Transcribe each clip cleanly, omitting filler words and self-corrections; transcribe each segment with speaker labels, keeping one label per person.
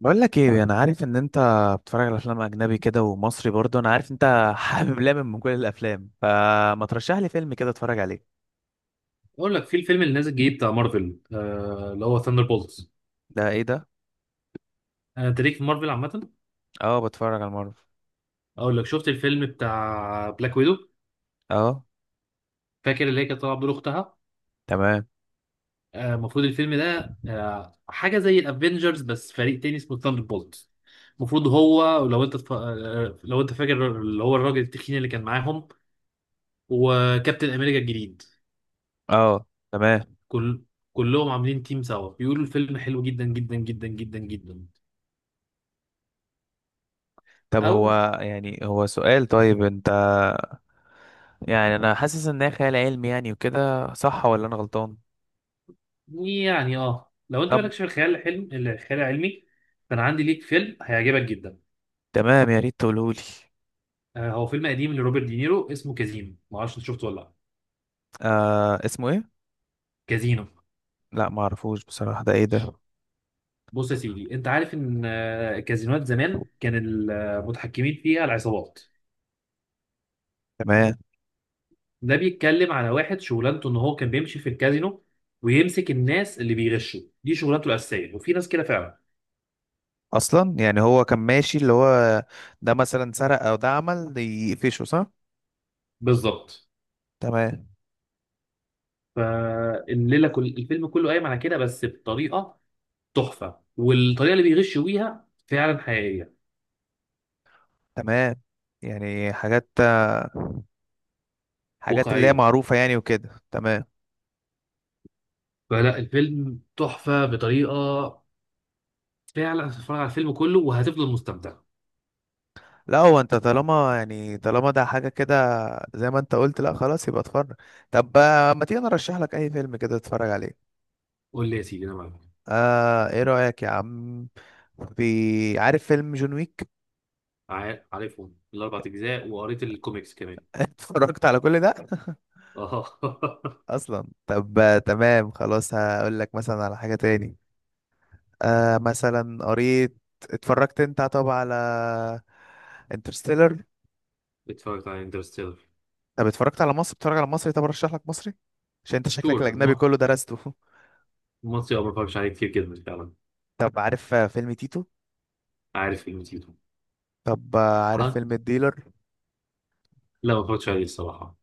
Speaker 1: بقول لك ايه، انا عارف ان انت بتتفرج على افلام اجنبي كده، ومصري برضه. انا عارف انت حابب لامم من كل الافلام، فما ترشح لي فيلم كده اتفرج عليه؟
Speaker 2: اقول لك في الفيلم اللي نازل جديد بتاع مارفل اللي هو ثاندر بولتس.
Speaker 1: ده ايه ده؟
Speaker 2: انا تاريخ في مارفل عامه.
Speaker 1: اه، بتفرج على مارفل.
Speaker 2: اقول لك شفت الفيلم بتاع بلاك ويدو؟
Speaker 1: اه.
Speaker 2: فاكر اللي هي كانت طالعه بدور اختها؟
Speaker 1: تمام.
Speaker 2: المفروض الفيلم ده حاجه زي الافينجرز بس فريق تاني اسمه ثاندر بولتس. المفروض هو لو انت تف... آه، لو انت فاكر اللي هو الراجل التخين اللي كان معاهم وكابتن امريكا الجديد.
Speaker 1: اه. تمام.
Speaker 2: كل كلهم عاملين تيم سوا، بيقولوا الفيلم حلو جدا جدا جدا جدا جدا.
Speaker 1: طب
Speaker 2: او.
Speaker 1: هو، يعني هو سؤال، طيب انت، يعني انا حاسس ان هي خيال علمي يعني وكده، صح ولا انا غلطان؟
Speaker 2: يعني لو انت
Speaker 1: طب.
Speaker 2: مالكش في الخيال الحلم الخيال العلمي، فانا عندي ليك فيلم هيعجبك جدا.
Speaker 1: تمام، يا ريت تقوله لي.
Speaker 2: هو فيلم قديم لروبرت دينيرو اسمه كازينو، ما اعرفش انت شفته ولا لا.
Speaker 1: آه، اسمه ايه؟
Speaker 2: كازينو.
Speaker 1: لا، ما اعرفوش بصراحة، ده ايه ده؟
Speaker 2: بص يا سيدي، انت عارف ان الكازينوات زمان كان المتحكمين فيها العصابات.
Speaker 1: تمام.
Speaker 2: ده بيتكلم على واحد شغلانته ان هو كان بيمشي في الكازينو، ويمسك الناس اللي بيغشوا، دي شغلانته الاساسيه. وفي ناس كده فعلا.
Speaker 1: اصلا يعني هو كان ماشي اللي هو، ده مثلا سرق او ده عمل، ده يقفشه، صح؟
Speaker 2: بالظبط.
Speaker 1: تمام.
Speaker 2: فالليله كل الفيلم كله قايم على كده بس بطريقه تحفه، والطريقه اللي بيغشوا بيها فعلا حقيقيه
Speaker 1: تمام، يعني حاجات اللي هي
Speaker 2: واقعيه.
Speaker 1: معروفة يعني وكده، تمام.
Speaker 2: فلا، الفيلم تحفه بطريقه فعلا. هتتفرج على الفيلم كله وهتفضل مستمتع.
Speaker 1: لا هو انت طالما، يعني طالما ده حاجة كده، زي ما انت قلت، لا خلاص يبقى اتفرج. طب، ما تيجي نرشح لك اي فيلم كده تتفرج عليه؟
Speaker 2: قول لي يا سيدي، انا معاك.
Speaker 1: آه، ايه رأيك يا عم؟ في، عارف فيلم جون ويك؟
Speaker 2: عارفهم الاربع اجزاء وقريت الكوميكس كمان.
Speaker 1: اتفرجت على كل ده؟
Speaker 2: اه.
Speaker 1: اصلا طب، تمام خلاص، هقول لك مثلا على حاجة تاني. آه، مثلا قريت، اتفرجت انت طب على انترستيلر؟
Speaker 2: اتفرجت على انترستيلر.
Speaker 1: طب اتفرجت على مصر، بتتفرج على مصري؟ طب ارشح لك مصري، عشان انت شكلك
Speaker 2: شور
Speaker 1: الاجنبي
Speaker 2: ما.
Speaker 1: كله درسته.
Speaker 2: المصري ما اتفرجش عليه كتير جدا فعلا.
Speaker 1: طب عارف فيلم تيتو؟
Speaker 2: عارف قيمتيته.
Speaker 1: طب عارف
Speaker 2: ها.
Speaker 1: فيلم الديلر؟
Speaker 2: لا، ما اتفرجتش عليه الصراحه.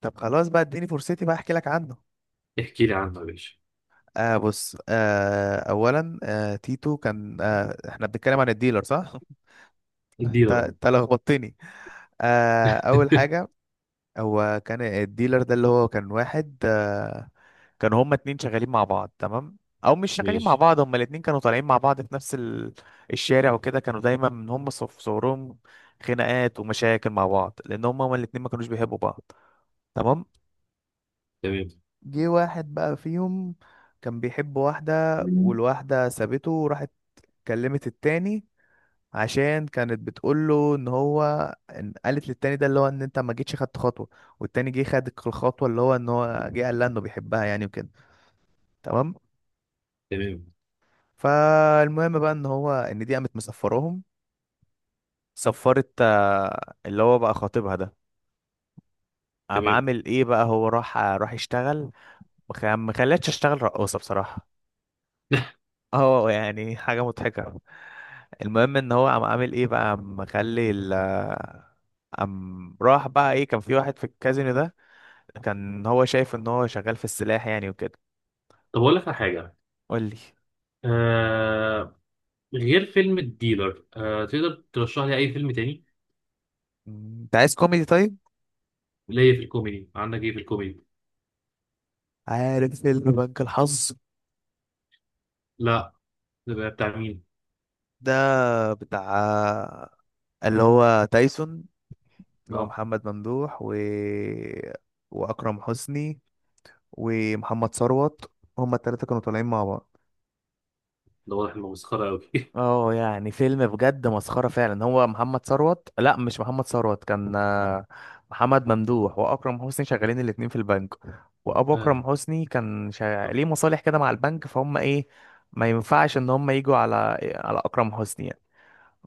Speaker 1: طب خلاص بقى، اديني فرصتي بقى احكي لك عنه.
Speaker 2: احكي لي عنه يا باشا.
Speaker 1: آه بص، آه اولا، آه تيتو كان، آه احنا بنتكلم عن الديلر، صح؟ انت
Speaker 2: اديله رأي.
Speaker 1: انت لخبطتني. آه اول حاجه، هو كان الديلر ده، اللي هو كان واحد آه. كانوا هما اتنين شغالين مع بعض، تمام. او مش شغالين مع
Speaker 2: ماشي.
Speaker 1: بعض، هما الاتنين كانوا طالعين مع بعض في نفس ال... الشارع وكده، كانوا دايما من هما في صورهم خناقات ومشاكل مع بعض، لان هما الاتنين ما كانوش بيحبوا بعض. تمام.
Speaker 2: تمام.
Speaker 1: جه واحد بقى فيهم كان بيحب واحدة،
Speaker 2: مم.
Speaker 1: والواحدة سابته وراحت كلمت التاني، عشان كانت بتقوله ان هو، إن قالت للتاني ده اللي هو ان انت ما جيتش خدت خطوة، والتاني جه خد الخطوة، اللي هو ان هو جه قال لها انه بيحبها يعني وكده. تمام.
Speaker 2: تمام.
Speaker 1: فالمهم بقى ان هو، ان دي قامت مسفراهم، سفرت اللي هو بقى خطيبها ده. قام
Speaker 2: تمام.
Speaker 1: عامل ايه بقى، هو راح يشتغل. ما خلتش، اشتغل رقاصة بصراحة. اه يعني حاجة مضحكة. المهم ان هو قام عامل ايه بقى، قام مخلي ال، قام راح بقى ايه، كان في واحد في الكازينو ده، كان هو شايف ان هو شغال في السلاح يعني وكده.
Speaker 2: طب اقول لك على حاجه.
Speaker 1: قول لي.
Speaker 2: آه غير فيلم الديلر، تقدر ترشح لي اي فيلم تاني؟
Speaker 1: انت عايز كوميدي طيب،
Speaker 2: ليا في الكوميدي، عندك ايه في الكوميدي؟
Speaker 1: عارف فيلم بنك الحظ؟
Speaker 2: لا. ده بقى بتاع مين؟
Speaker 1: ده بتاع، اللي هو تايسون، اللي هو
Speaker 2: لا.
Speaker 1: محمد ممدوح و... واكرم حسني ومحمد ثروت. هما التلاتة كانوا طالعين مع بعض.
Speaker 2: ده واضح انه مسخره قوي.
Speaker 1: اه يعني فيلم بجد مسخرة فعلا. هو محمد ثروت، لا مش محمد ثروت، كان محمد ممدوح واكرم حسني شغالين الاتنين في البنك. وابو
Speaker 2: آه.
Speaker 1: اكرم حسني كان شغال... ليه مصالح كده مع البنك، فهم ايه، ما ينفعش ان هم يجوا على، على اكرم حسني.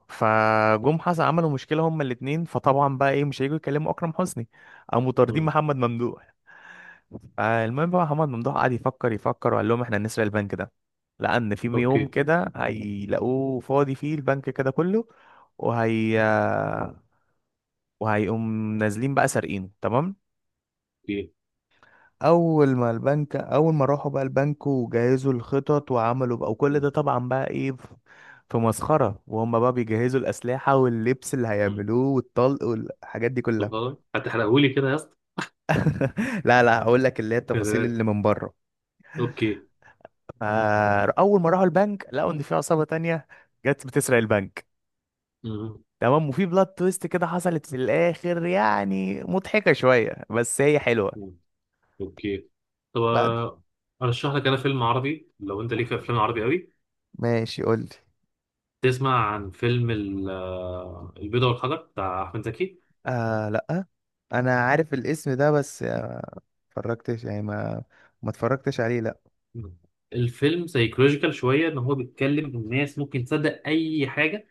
Speaker 1: فجم حسن عملوا مشكله هما الاثنين، فطبعا بقى ايه، مش هيجوا يكلموا اكرم حسني، قاموا طاردين
Speaker 2: مم.
Speaker 1: محمد ممدوح. فالمهم بقى محمد ممدوح قعد يفكر يفكر، وقال لهم احنا هنسرق البنك ده، لان في يوم
Speaker 2: اوكي.
Speaker 1: كده هيلاقوه فاضي فيه البنك كده كله، وهي، وهيقوم نازلين بقى سارقينه، تمام.
Speaker 2: اوكي.
Speaker 1: اول ما راحوا بقى البنك، وجهزوا الخطط وعملوا بقى، وكل
Speaker 2: مم.
Speaker 1: ده طبعا بقى ايه في مسخرة، وهم بقى بيجهزوا الأسلحة واللبس اللي
Speaker 2: مم.
Speaker 1: هيعملوه والطلق والحاجات دي
Speaker 2: طب
Speaker 1: كلها.
Speaker 2: خلاص، هتحرقهولي كده يا اسطى؟
Speaker 1: لا لا، هقول لك اللي هي
Speaker 2: يا
Speaker 1: التفاصيل
Speaker 2: ساتر.
Speaker 1: اللي من بره.
Speaker 2: اوكي.
Speaker 1: فأول ما راحوا البنك، لقوا إن في عصابة تانية جت بتسرق البنك.
Speaker 2: مم.
Speaker 1: تمام. وفي بلاد تويست كده حصلت في الآخر، يعني مضحكة شوية، بس هي حلوة.
Speaker 2: مم. اوكي. طب،
Speaker 1: بعد.
Speaker 2: ارشح لك انا فيلم عربي لو انت ليك في افلام عربي قوي.
Speaker 1: ماشي، قول لي.
Speaker 2: تسمع عن فيلم البيضة والحجر بتاع احمد زكي؟
Speaker 1: آه لا، انا عارف الاسم ده بس، اتفرجتش يعني، ما ما اتفرجتش عليه لا.
Speaker 2: الفيلم سايكولوجيكال شويه، ان هو بيتكلم ان الناس ممكن تصدق اي حاجه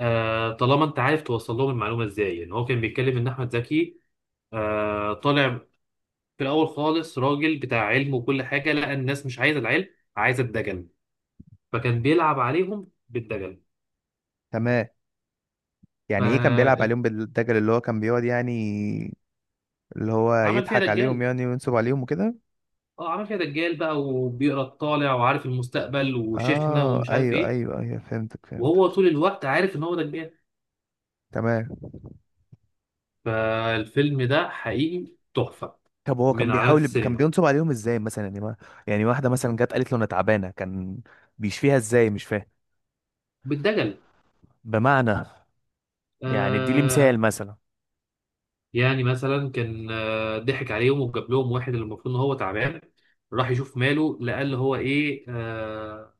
Speaker 2: طالما انت عارف توصل لهم المعلومه ازاي. ان هو كان بيتكلم ان احمد زكي طالع في الاول خالص راجل بتاع علم وكل حاجه. لقى الناس مش عايزه العلم، عايزه الدجل. فكان بيلعب عليهم بالدجل.
Speaker 1: تمام. يعني ايه كان بيلعب
Speaker 2: فعمل
Speaker 1: عليهم بالدجل؟ اللي هو كان بيقعد يعني، اللي هو
Speaker 2: فيها
Speaker 1: يضحك عليهم
Speaker 2: دجال.
Speaker 1: يعني وينصب عليهم وكده.
Speaker 2: اه، عمل فيها دجال بقى، وبيقرا الطالع وعارف المستقبل وشيخنا
Speaker 1: اه
Speaker 2: ومش عارف
Speaker 1: ايوه
Speaker 2: ايه.
Speaker 1: ايوه ايوه، فهمتك
Speaker 2: وهو
Speaker 1: فهمتك.
Speaker 2: طول الوقت عارف ان هو دجال.
Speaker 1: تمام.
Speaker 2: فالفيلم ده حقيقي تحفة،
Speaker 1: طب هو كان
Speaker 2: من علامات
Speaker 1: بيحاول، كان
Speaker 2: السينما.
Speaker 1: بينصب عليهم ازاي مثلا؟ يعني ما، يعني واحده مثلا جت قالت له انا تعبانه، كان بيشفيها ازاي، مش فاهم
Speaker 2: بالدجل.
Speaker 1: بمعنى، يعني ادي لي مثال
Speaker 2: آه
Speaker 1: مثلا.
Speaker 2: يعني مثلا كان ضحك عليهم وجاب لهم واحد اللي المفروض ان هو تعبان، راح يشوف ماله لقى اللي هو ايه،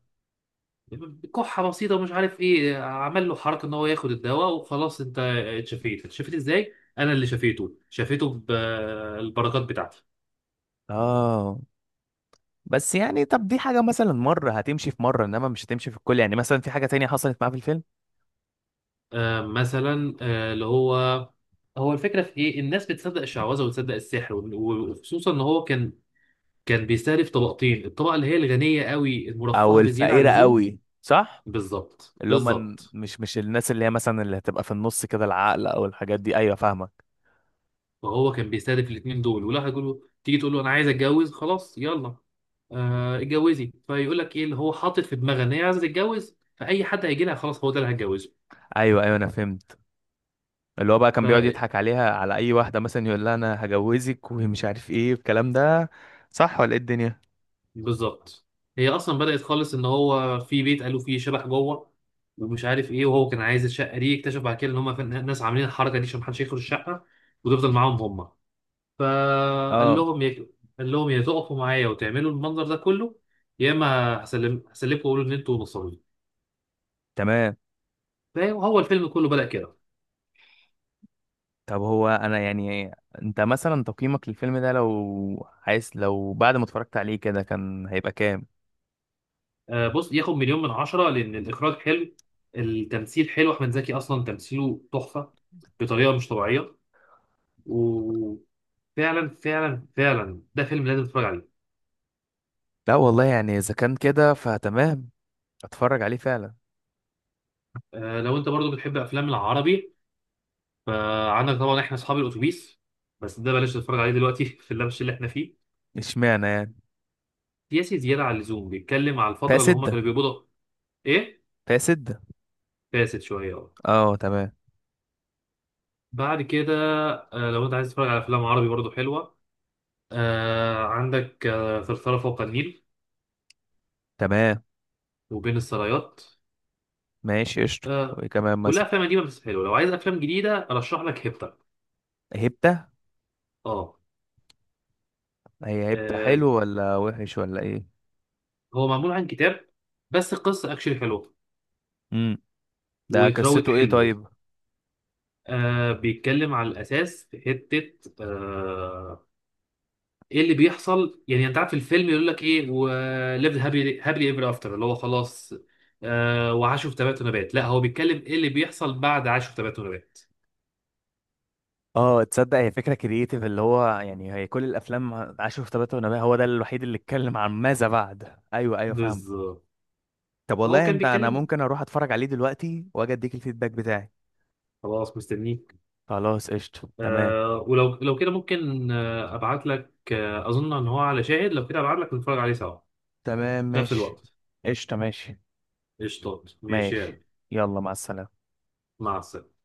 Speaker 2: كحة بسيطة ومش عارف ايه. عمل له حركة ان هو ياخد الدواء وخلاص انت اتشفيت. اتشفيت ازاي؟ انا اللي شفيته شفيته بالبركات بتاعتي.
Speaker 1: اه بس يعني، طب دي حاجه مثلا مره هتمشي، في مره انما مش هتمشي في الكل يعني. مثلا في حاجه تانية حصلت معاه في الفيلم؟
Speaker 2: مثلا اللي هو، هو الفكره في ايه، الناس بتصدق الشعوذه وتصدق السحر، وخصوصا ان هو كان بيستهدف طبقتين، الطبقه اللي هي الغنيه قوي
Speaker 1: او
Speaker 2: المرفهه بزياده عن
Speaker 1: الفقيره
Speaker 2: اللزوم.
Speaker 1: قوي، صح؟
Speaker 2: بالظبط،
Speaker 1: اللي هم،
Speaker 2: بالظبط.
Speaker 1: مش مش الناس اللي هي مثلا اللي هتبقى في النص كده، العقل او الحاجات دي، ايوه فاهمك.
Speaker 2: فهو كان بيستهدف الاثنين دول. ولا هيقول له تيجي تقول له انا عايز اتجوز، خلاص يلا اتجوزي. فيقول لك ايه اللي هو حاطط في دماغه ان هي عايزه تتجوز، فاي حد هيجي لها خلاص هو ده اللي
Speaker 1: ايوه ايوه انا فهمت. اللي هو بقى كان بيقعد
Speaker 2: هتجوزه.
Speaker 1: يضحك عليها، على اي واحده مثلا يقول لها انا هجوزك ومش عارف ايه الكلام ده، صح ولا ايه الدنيا؟
Speaker 2: بالظبط. هي اصلا بدأت خالص ان هو في بيت قالوا فيه شبح جوه ومش عارف ايه. وهو كان عايز الشقه دي، اكتشف بعد كده ان هم ناس عاملين الحركه دي عشان محدش يدخل الشقه وتفضل معاهم هم. فقال
Speaker 1: اه
Speaker 2: لهم يا قال لهم يا تقفوا معايا وتعملوا المنظر ده كله، يا اما هسلمكم واقول ان انتوا نصابين.
Speaker 1: تمام.
Speaker 2: فهو الفيلم كله بدأ كده.
Speaker 1: طب هو انا يعني، انت مثلا تقييمك للفيلم ده، لو عايز، لو بعد ما اتفرجت عليه كده، كان هيبقى كام؟
Speaker 2: بص، ياخد مليون من عشرة لان الاخراج حلو. التمثيل حلو. احمد زكي اصلا تمثيله تحفه بطريقه مش طبيعيه. فعلا، فعلا، فعلا، ده فيلم لازم تتفرج عليه.
Speaker 1: لا والله يعني، اذا كان كده فتمام، اتفرج عليه فعلا.
Speaker 2: لو انت برضو بتحب افلام العربي، فعندك طبعا احنا اصحاب الاتوبيس. بس ده بلاش تتفرج عليه دلوقتي. في اللبش اللي احنا فيه
Speaker 1: اشمعنى يعني؟
Speaker 2: سياسي زياده عن اللزوم، بيتكلم على
Speaker 1: فيها
Speaker 2: الفتره اللي هم
Speaker 1: سده.
Speaker 2: كانوا بيقبضوا. ايه،
Speaker 1: فيها سده.
Speaker 2: فاسد شويه، اه.
Speaker 1: اه تمام.
Speaker 2: بعد كده، لو انت عايز تتفرج على افلام عربي برضو حلوه، عندك ثرثرة فوق النيل،
Speaker 1: تمام
Speaker 2: وبين السرايات.
Speaker 1: ماشي قشطة،
Speaker 2: آه
Speaker 1: وايه كمان
Speaker 2: كلها
Speaker 1: مثلا؟
Speaker 2: افلام قديمه بس حلوه. لو عايز افلام جديده ارشح لك هيبتا.
Speaker 1: هبتة.
Speaker 2: اه.
Speaker 1: هي هبتة
Speaker 2: آه،
Speaker 1: حلو ولا وحش ولا ايه؟
Speaker 2: هو معمول عن كتاب، بس القصة اكشلي حلوة
Speaker 1: امم. ده
Speaker 2: واتراوت
Speaker 1: قصته ايه
Speaker 2: حلو.
Speaker 1: طيب؟
Speaker 2: بيتكلم على الأساس في حتة، آه ايه اللي بيحصل. يعني انت عارف الفيلم يقول لك ايه، وليفد هابي ايفر افتر، اللي هو خلاص، وعاشوا في تبات ونبات. لا، هو بيتكلم ايه اللي بيحصل بعد عاشوا في تبات ونبات.
Speaker 1: اه تصدق، هي فكره كرييتيف، اللي هو يعني هي كل الافلام عاشوا في تبات ونبات، هو ده الوحيد اللي اتكلم عن ماذا بعد. ايوه ايوه فاهم.
Speaker 2: بالظبط.
Speaker 1: طب
Speaker 2: فهو
Speaker 1: والله
Speaker 2: كان
Speaker 1: انت، انا
Speaker 2: بيتكلم.
Speaker 1: ممكن اروح اتفرج عليه دلوقتي واجي اديك الفيدباك بتاعي.
Speaker 2: خلاص، مستنيك.
Speaker 1: خلاص قشطه تمام.
Speaker 2: ولو كده ممكن ابعت لك، اظن ان هو على شاهد. لو كده ابعت لك نتفرج عليه سوا
Speaker 1: تمام
Speaker 2: في نفس
Speaker 1: ماشي.
Speaker 2: الوقت.
Speaker 1: قشطه ماشي.
Speaker 2: قشطات، ماشي، يلا.
Speaker 1: ماشي، يلا، مع السلامة.
Speaker 2: مع السلامة.